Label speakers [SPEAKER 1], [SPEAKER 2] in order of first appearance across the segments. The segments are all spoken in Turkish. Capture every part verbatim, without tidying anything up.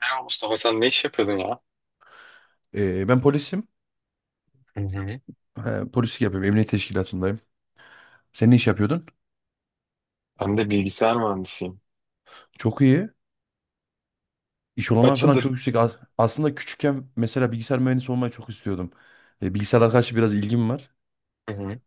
[SPEAKER 1] Merhaba Mustafa, sen ne iş yapıyordun ya?
[SPEAKER 2] Ee, ben polisim.
[SPEAKER 1] Hı hı.
[SPEAKER 2] Ee, polislik yapıyorum. Emniyet teşkilatındayım. Sen ne iş yapıyordun?
[SPEAKER 1] Ben de bilgisayar mühendisiyim.
[SPEAKER 2] Çok iyi. İş olanağı
[SPEAKER 1] Kaç
[SPEAKER 2] falan
[SPEAKER 1] yıldır?
[SPEAKER 2] çok yüksek. As- aslında küçükken mesela bilgisayar mühendisi olmayı çok istiyordum. Ee, bilgisayarlara karşı biraz ilgim var.
[SPEAKER 1] Hı hı.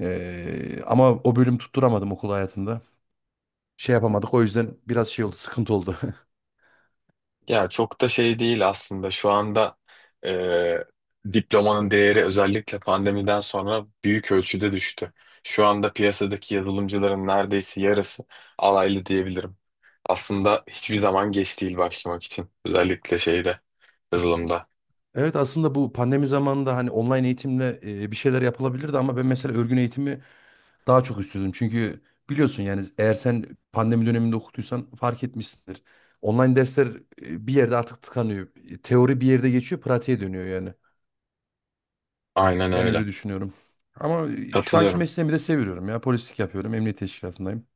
[SPEAKER 2] Ee, ama o bölüm tutturamadım okul hayatında. Şey yapamadık. O yüzden biraz şey oldu, sıkıntı oldu.
[SPEAKER 1] Ya çok da şey değil aslında. Şu anda e, diplomanın değeri özellikle pandemiden sonra büyük ölçüde düştü. Şu anda piyasadaki yazılımcıların neredeyse yarısı alaylı diyebilirim. Aslında hiçbir zaman geç değil başlamak için. Özellikle şeyde, yazılımda.
[SPEAKER 2] Evet, aslında bu pandemi zamanında hani online eğitimle e, bir şeyler yapılabilirdi ama ben mesela örgün eğitimi daha çok istiyordum çünkü biliyorsun yani eğer sen pandemi döneminde okutuysan fark etmişsindir. Online dersler e, bir yerde artık tıkanıyor. E, Teori bir yerde geçiyor, pratiğe dönüyor yani.
[SPEAKER 1] Aynen
[SPEAKER 2] Ben
[SPEAKER 1] öyle.
[SPEAKER 2] öyle düşünüyorum. Ama e, şu anki
[SPEAKER 1] Katılıyorum.
[SPEAKER 2] mesleğimi de seviyorum ya. Polislik yapıyorum, emniyet teşkilatındayım.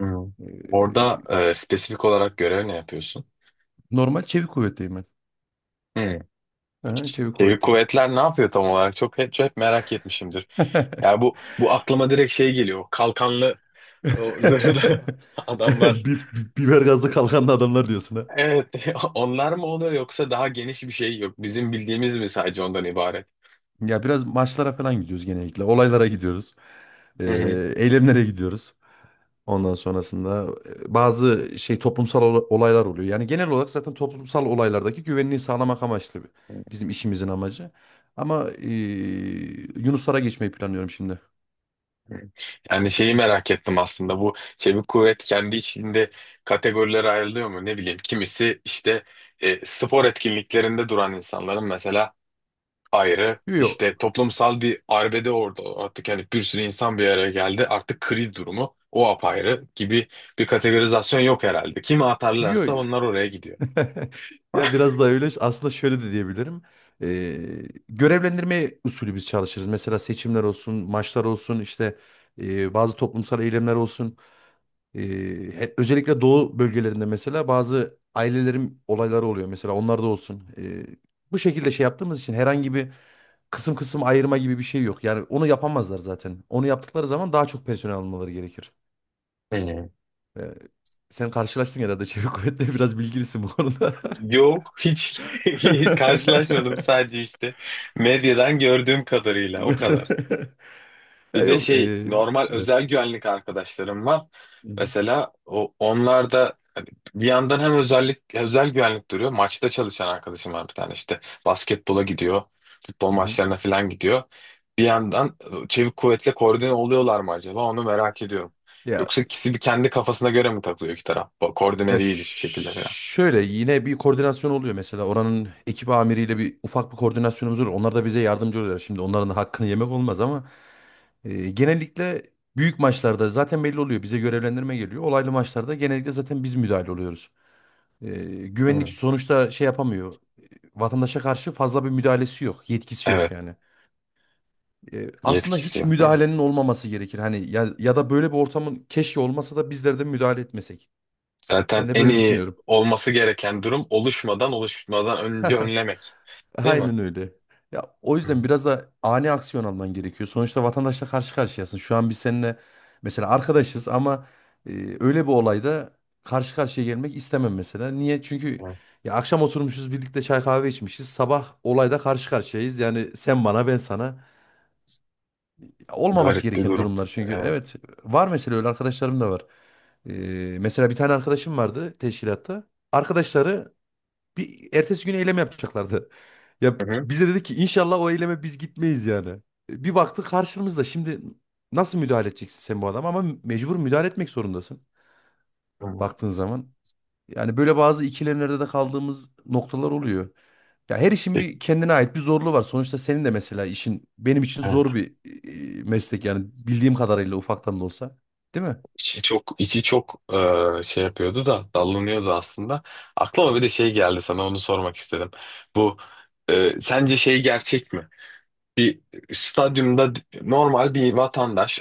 [SPEAKER 1] Hı.
[SPEAKER 2] E,
[SPEAKER 1] Orada e, spesifik olarak görev ne yapıyorsun?
[SPEAKER 2] Normal çevik kuvvetteyim ben.
[SPEAKER 1] Hı.
[SPEAKER 2] Aha, çevik
[SPEAKER 1] Çevik
[SPEAKER 2] kuvvetteyim.
[SPEAKER 1] kuvvetler ne yapıyor tam olarak? Çok hep, hep merak etmişimdir. Ya bu bu aklıma direkt şey geliyor. Kalkanlı o zırhlı adamlar.
[SPEAKER 2] Bi- bi- Biber gazlı kalkanlı adamlar diyorsun ha.
[SPEAKER 1] Evet, onlar mı oluyor yoksa daha geniş bir şey yok. Bizim bildiğimiz mi sadece ondan ibaret?
[SPEAKER 2] Ya, biraz maçlara falan gidiyoruz genellikle. Olaylara gidiyoruz.
[SPEAKER 1] Hı hı.
[SPEAKER 2] Ee, eylemlere gidiyoruz. Ondan sonrasında e, bazı şey toplumsal ola- olaylar oluyor. Yani genel olarak zaten toplumsal olaylardaki güvenliği sağlamak amaçlı bi- bizim işimizin amacı. Ama e, Yunuslara geçmeyi planlıyorum şimdi.
[SPEAKER 1] Yani şeyi merak ettim aslında. Bu çevik kuvvet kendi içinde kategorilere ayrılıyor mu? Ne bileyim. Kimisi işte e, spor etkinliklerinde duran insanların mesela ayrı.
[SPEAKER 2] Yo,
[SPEAKER 1] İşte toplumsal bir arbede orada artık, yani bir sürü insan bir araya geldi. Artık kril durumu o apayrı gibi bir kategorizasyon yok herhalde. Kimi
[SPEAKER 2] yo,
[SPEAKER 1] atarlarsa
[SPEAKER 2] yo.
[SPEAKER 1] onlar oraya gidiyor.
[SPEAKER 2] Ya, biraz da öyle aslında, şöyle de diyebilirim. E, görevlendirme usulü biz çalışırız. Mesela seçimler olsun, maçlar olsun, işte e, bazı toplumsal eylemler olsun. Ee, he- Özellikle doğu bölgelerinde mesela bazı ailelerin olayları oluyor. Mesela onlarda olsun. Ee, bu şekilde şey yaptığımız için herhangi bir kısım kısım ayırma gibi bir şey yok. Yani onu yapamazlar zaten. Onu yaptıkları zaman daha çok personel almaları gerekir.
[SPEAKER 1] Hmm.
[SPEAKER 2] Ee, Sen karşılaştın herhalde, çevik kuvvetleri biraz bilgilisin bu konuda.
[SPEAKER 1] Yok, hiç karşılaşmadım, sadece işte medyadan gördüğüm kadarıyla o kadar.
[SPEAKER 2] Ya,
[SPEAKER 1] Bir de
[SPEAKER 2] yok.
[SPEAKER 1] şey,
[SPEAKER 2] Ee,
[SPEAKER 1] normal
[SPEAKER 2] evet.
[SPEAKER 1] özel güvenlik arkadaşlarım var.
[SPEAKER 2] Hı hı.
[SPEAKER 1] Mesela o onlar da hani bir yandan hem özellik özel güvenlik duruyor. Maçta çalışan arkadaşım var, bir tane işte basketbola gidiyor, futbol
[SPEAKER 2] Hı hı.
[SPEAKER 1] maçlarına falan gidiyor. Bir yandan e, çevik kuvvetle koordine oluyorlar mı acaba, onu merak ediyorum.
[SPEAKER 2] Ya
[SPEAKER 1] Yoksa ikisi bir kendi kafasına göre mi takılıyor iki taraf? Bu koordine
[SPEAKER 2] Ya ş-
[SPEAKER 1] değil hiçbir şekilde falan.
[SPEAKER 2] Şöyle, yine bir koordinasyon oluyor mesela oranın ekip amiriyle, bir ufak bir koordinasyonumuz olur. Onlar da bize yardımcı oluyorlar. Şimdi onların da hakkını yemek olmaz ama e, genellikle büyük maçlarda zaten belli oluyor. Bize görevlendirme geliyor. Olaylı maçlarda genellikle zaten biz müdahale oluyoruz. E, Güvenlik
[SPEAKER 1] Hı.
[SPEAKER 2] sonuçta şey yapamıyor. E, Vatandaşa karşı fazla bir müdahalesi yok, yetkisi yok
[SPEAKER 1] Evet.
[SPEAKER 2] yani. E, aslında
[SPEAKER 1] Yetkisi
[SPEAKER 2] hiç
[SPEAKER 1] yok, değil mi?
[SPEAKER 2] müdahalenin olmaması gerekir. Hani ya, ya da böyle bir ortamın keşke olmasa da bizler de müdahale etmesek. Ben
[SPEAKER 1] Zaten
[SPEAKER 2] de
[SPEAKER 1] en
[SPEAKER 2] böyle
[SPEAKER 1] iyi
[SPEAKER 2] düşünüyorum.
[SPEAKER 1] olması gereken durum oluşmadan oluşmadan önce önlemek. Değil mi?
[SPEAKER 2] Aynen öyle. Ya, o yüzden
[SPEAKER 1] Hı.
[SPEAKER 2] biraz da ani aksiyon alman gerekiyor. Sonuçta vatandaşla karşı karşıyasın. Şu an biz seninle mesela arkadaşız ama e, öyle bir olayda karşı karşıya gelmek istemem mesela. Niye? Çünkü
[SPEAKER 1] Evet.
[SPEAKER 2] ya, akşam oturmuşuz birlikte çay kahve içmişiz, sabah olayda karşı karşıyayız. Yani sen bana, ben sana. Olmaması
[SPEAKER 1] Garip bir
[SPEAKER 2] gereken
[SPEAKER 1] durum.
[SPEAKER 2] durumlar çünkü.
[SPEAKER 1] Evet.
[SPEAKER 2] Evet, var mesela öyle arkadaşlarım da var. E, mesela bir tane arkadaşım vardı teşkilatta. Arkadaşları bir ertesi gün eylem yapacaklardı. Ya,
[SPEAKER 1] Hı hı.
[SPEAKER 2] bize dedi ki inşallah o eyleme biz gitmeyiz yani. E, Bir baktık karşımızda, şimdi nasıl müdahale edeceksin sen bu adama, ama mecbur müdahale etmek zorundasın
[SPEAKER 1] Hı.
[SPEAKER 2] baktığın zaman. Yani böyle bazı ikilemlerde de kaldığımız noktalar oluyor. Ya, her işin
[SPEAKER 1] Peki,
[SPEAKER 2] bir kendine ait bir zorluğu var. Sonuçta senin de mesela işin benim için zor
[SPEAKER 1] evet.
[SPEAKER 2] bir e, meslek, yani bildiğim kadarıyla ufaktan da olsa. Değil mi?
[SPEAKER 1] İçi çok içi çok e, şey yapıyordu da dallanıyordu aslında. Aklıma bir de şey geldi, sana onu sormak istedim. Bu, e, sence şey gerçek mi? Bir stadyumda d- normal bir vatandaş,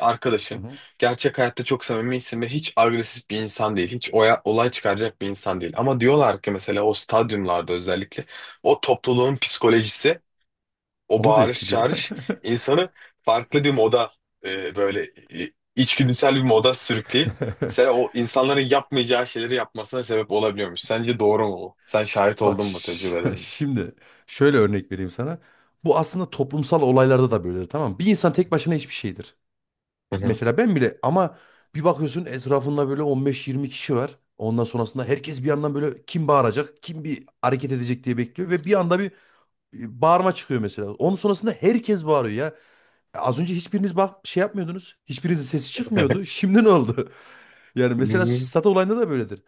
[SPEAKER 2] Hı
[SPEAKER 1] arkadaşın
[SPEAKER 2] hı.
[SPEAKER 1] gerçek hayatta çok samimisin ve hiç agresif bir insan değil. Hiç oya, olay çıkaracak bir insan değil. Ama diyorlar ki mesela o stadyumlarda özellikle o topluluğun psikolojisi, o
[SPEAKER 2] Onu da
[SPEAKER 1] bağırış
[SPEAKER 2] etkiliyor.
[SPEAKER 1] çağırış insanı farklı bir moda, e, böyle e, içgüdüsel bir moda sürükleyip mesela o insanların yapmayacağı şeyleri yapmasına sebep olabiliyormuş. Sence doğru mu bu? Sen şahit
[SPEAKER 2] Bak,
[SPEAKER 1] oldun mu,
[SPEAKER 2] ş-
[SPEAKER 1] tecrübelerin?
[SPEAKER 2] şimdi şöyle örnek vereyim sana. Bu aslında toplumsal olaylarda da böyledir, tamam mı? Bir insan tek başına hiçbir şeydir.
[SPEAKER 1] Hı hı.
[SPEAKER 2] Mesela ben bile, ama bir bakıyorsun etrafında böyle on beş yirmi kişi var. Ondan sonrasında herkes bir yandan böyle kim bağıracak, kim bir hareket edecek diye bekliyor. Ve bir anda bir e, bağırma çıkıyor mesela. Onun sonrasında herkes bağırıyor ya. E, Az önce hiçbiriniz bak şey yapmıyordunuz. Hiçbirinizin sesi çıkmıyordu. Şimdi ne oldu? Yani
[SPEAKER 1] Hı
[SPEAKER 2] mesela
[SPEAKER 1] hı.
[SPEAKER 2] stat olayında da böyledir.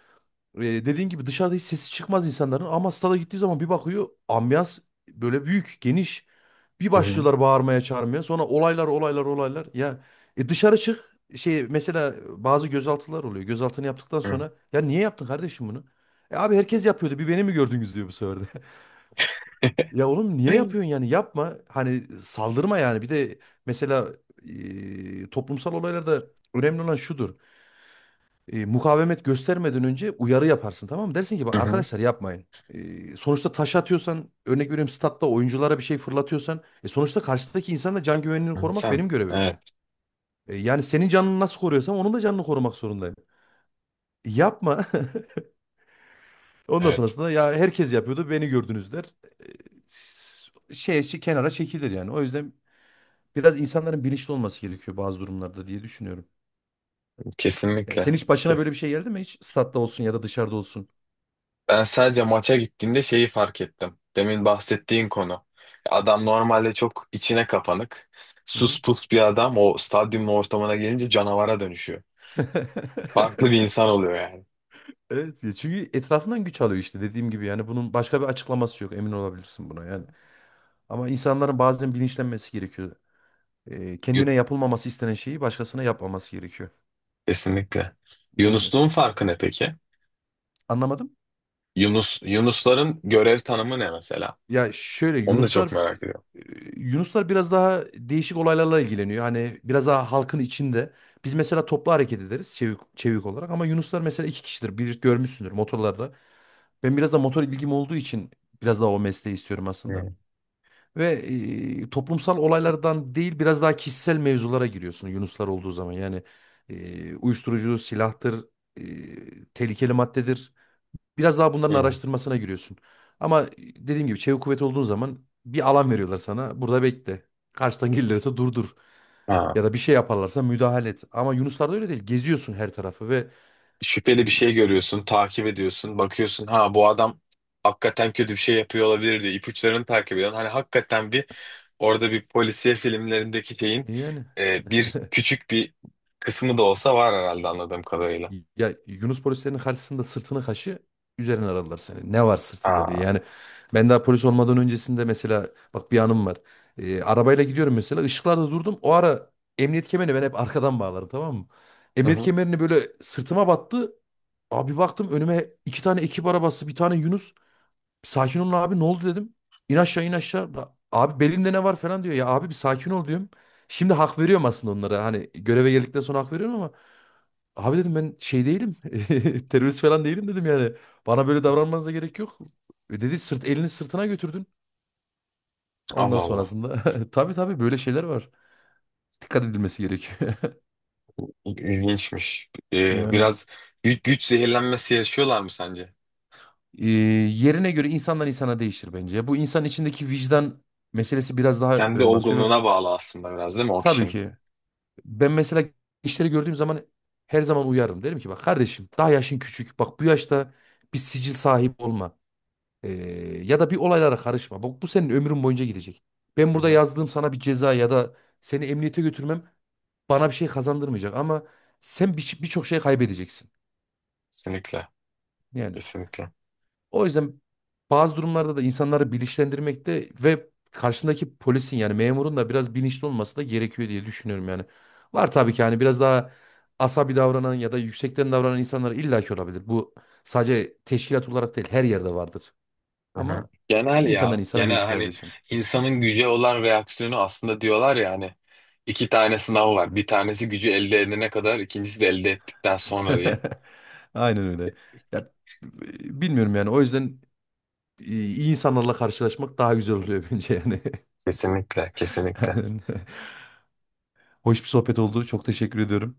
[SPEAKER 2] E, dediğin gibi dışarıda hiç sesi çıkmaz insanların, ama stada gittiği zaman bir bakıyor, ambiyans böyle büyük, geniş. Bir
[SPEAKER 1] Hı hı.
[SPEAKER 2] başlıyorlar bağırmaya, çağırmaya. Sonra olaylar, olaylar, olaylar. Ya, e, dışarı çık. Şey, mesela bazı gözaltılar oluyor. Gözaltını yaptıktan sonra, ya niye yaptın kardeşim bunu? E abi herkes yapıyordu. Bir beni mi gördünüz diyor bu sefer de. Ya oğlum niye yapıyorsun yani? Yapma. Hani saldırma yani. Bir de mesela e, toplumsal olaylarda önemli olan şudur: e, mukavemet göstermeden önce uyarı yaparsın, tamam mı? Dersin ki bak
[SPEAKER 1] Hı hı.
[SPEAKER 2] arkadaşlar, yapmayın. E, sonuçta taş atıyorsan, örnek veriyorum, statta oyunculara bir şey fırlatıyorsan e, sonuçta karşıdaki insanın da can güvenliğini korumak
[SPEAKER 1] Sen.
[SPEAKER 2] benim görevim.
[SPEAKER 1] Evet,
[SPEAKER 2] E, yani senin canını nasıl koruyorsam onun da canını korumak zorundayım. E, Yapma. Ondan
[SPEAKER 1] evet.
[SPEAKER 2] sonrasında ya herkes yapıyordu, beni gördünüz der. E, şey, şey kenara çekilir yani. O yüzden biraz insanların bilinçli olması gerekiyor bazı durumlarda diye düşünüyorum. Ya sen
[SPEAKER 1] Kesinlikle.
[SPEAKER 2] hiç başına böyle bir şey geldi mi? Hiç statta olsun ya da dışarıda olsun.
[SPEAKER 1] Ben sadece maça gittiğimde şeyi fark ettim. Demin bahsettiğin konu. Adam normalde çok içine kapanık,
[SPEAKER 2] Hı hı.
[SPEAKER 1] sus pus bir adam, o stadyumun ortamına gelince canavara dönüşüyor. Farklı bir insan oluyor yani.
[SPEAKER 2] Evet ya, çünkü etrafından güç alıyor işte, dediğim gibi yani. Bunun başka bir açıklaması yok, emin olabilirsin buna yani. Ama insanların bazen bilinçlenmesi gerekiyor. Ee, kendine
[SPEAKER 1] Yu-
[SPEAKER 2] yapılmaması istenen şeyi başkasına yapmaması gerekiyor.
[SPEAKER 1] Kesinlikle.
[SPEAKER 2] Yani
[SPEAKER 1] Yunusluğun farkı ne peki?
[SPEAKER 2] anlamadım.
[SPEAKER 1] Yunus Yunusların görev tanımı ne mesela?
[SPEAKER 2] Ya şöyle,
[SPEAKER 1] Onu da
[SPEAKER 2] Yunuslar
[SPEAKER 1] çok merak ediyorum.
[SPEAKER 2] e, Yunuslar biraz daha değişik olaylarla ilgileniyor. Hani biraz daha halkın içinde. Biz mesela toplu hareket ederiz, çevik, çevik olarak, ama Yunuslar mesela iki kişidir. Bir görmüşsündür motorlarda. Ben biraz da motor ilgim olduğu için biraz daha o mesleği istiyorum aslında.
[SPEAKER 1] Hmm.
[SPEAKER 2] Ve e, toplumsal olaylardan değil, biraz daha kişisel mevzulara giriyorsun Yunuslar olduğu zaman. Yani e, uyuşturucu, silahtır, e, tehlikeli maddedir. Biraz daha bunların
[SPEAKER 1] Hmm.
[SPEAKER 2] araştırmasına giriyorsun. Ama e, dediğim gibi çevik kuvvet olduğun zaman bir alan veriyorlar sana. Burada bekle. Karşıdan gelirlerse durdur.
[SPEAKER 1] Ha.
[SPEAKER 2] Ya da bir şey yaparlarsa müdahale et. Ama Yunuslarda öyle değil. Geziyorsun her tarafı ve e,
[SPEAKER 1] Şüpheli bir şey görüyorsun, takip ediyorsun, bakıyorsun, ha, bu adam hakikaten kötü bir şey yapıyor olabilir diye ipuçlarını takip ediyorsun. Hani hakikaten bir, orada bir polisiye filmlerindeki şeyin,
[SPEAKER 2] yani...
[SPEAKER 1] e, bir küçük bir kısmı da olsa var herhalde, anladığım kadarıyla.
[SPEAKER 2] Ya Yunus polislerin karşısında sırtını kaşı, üzerine aradılar seni, ne var sırtında diye.
[SPEAKER 1] Aa.
[SPEAKER 2] Yani ben daha polis olmadan öncesinde mesela, bak bir anım var. Ee, arabayla gidiyorum mesela, ışıklarda durdum. O ara emniyet kemerini ben hep arkadan bağlarım, tamam mı?
[SPEAKER 1] Hı
[SPEAKER 2] Emniyet
[SPEAKER 1] hı.
[SPEAKER 2] kemerini böyle sırtıma battı. Abi baktım önüme iki tane ekip arabası, bir tane Yunus. Sakin olun abi, ne oldu dedim. İn aşağı, in aşağı. La- Abi belinde ne var falan diyor. Ya abi bir sakin ol diyorum. Şimdi hak veriyorum aslında onlara. Hani göreve geldikten sonra hak veriyorum ama. Abi dedim, ben şey değilim. Terörist falan değilim dedim yani. Bana böyle davranmanıza gerek yok. E Dedi sırt, elini sırtına götürdün. Ondan
[SPEAKER 1] Allah Allah.
[SPEAKER 2] sonrasında. Tabii tabii, böyle şeyler var. Dikkat edilmesi gerekiyor.
[SPEAKER 1] İl- İlginçmiş. E,
[SPEAKER 2] Yani.
[SPEAKER 1] biraz güç, güç zehirlenmesi yaşıyorlar mı sence?
[SPEAKER 2] E, yerine göre insandan insana değişir bence. Bu insan içindeki vicdan meselesi biraz daha
[SPEAKER 1] Kendi
[SPEAKER 2] ön basıyor.
[SPEAKER 1] olgunluğuna bağlı aslında biraz, değil mi o
[SPEAKER 2] Tabii
[SPEAKER 1] kişinin?
[SPEAKER 2] ki. Ben mesela gençleri gördüğüm zaman her zaman uyarım. Derim ki bak kardeşim, daha yaşın küçük. Bak, bu yaşta bir sicil sahip olma. Ee, Ya da bir olaylara karışma. Bak bu senin ömrün boyunca gidecek. Ben
[SPEAKER 1] Hı
[SPEAKER 2] burada
[SPEAKER 1] hı.
[SPEAKER 2] yazdığım sana bir ceza ya da seni emniyete götürmem bana bir şey kazandırmayacak. Ama sen bir- birçok şey kaybedeceksin.
[SPEAKER 1] Kesinlikle.
[SPEAKER 2] Yani,
[SPEAKER 1] Kesinlikle.
[SPEAKER 2] o yüzden bazı durumlarda da insanları bilinçlendirmekte ve karşındaki polisin, yani memurun da biraz bilinçli olması da gerekiyor diye düşünüyorum yani. Var tabii ki, hani biraz daha asabi davranan ya da yüksekten davranan insanlar illaki olabilir. Bu sadece teşkilat olarak değil, her yerde vardır.
[SPEAKER 1] Hı hı.
[SPEAKER 2] Ama
[SPEAKER 1] Genel
[SPEAKER 2] insandan
[SPEAKER 1] ya.
[SPEAKER 2] insana
[SPEAKER 1] Genel,
[SPEAKER 2] değişir
[SPEAKER 1] hani
[SPEAKER 2] kardeşim.
[SPEAKER 1] insanın güce olan reaksiyonu aslında, diyorlar ya hani iki tane sınav var. Bir tanesi gücü elde edene kadar, ikincisi de elde ettikten sonra diye.
[SPEAKER 2] Aynen öyle. Ya, b- bilmiyorum yani, o yüzden e, iyi insanlarla karşılaşmak daha güzel oluyor bence yani.
[SPEAKER 1] Kesinlikle, kesinlikle.
[SPEAKER 2] Aynen. Hoş bir sohbet oldu. Çok teşekkür ediyorum.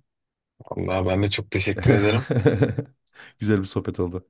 [SPEAKER 1] Vallahi ben de çok teşekkür ederim.
[SPEAKER 2] Güzel bir sohbet oldu.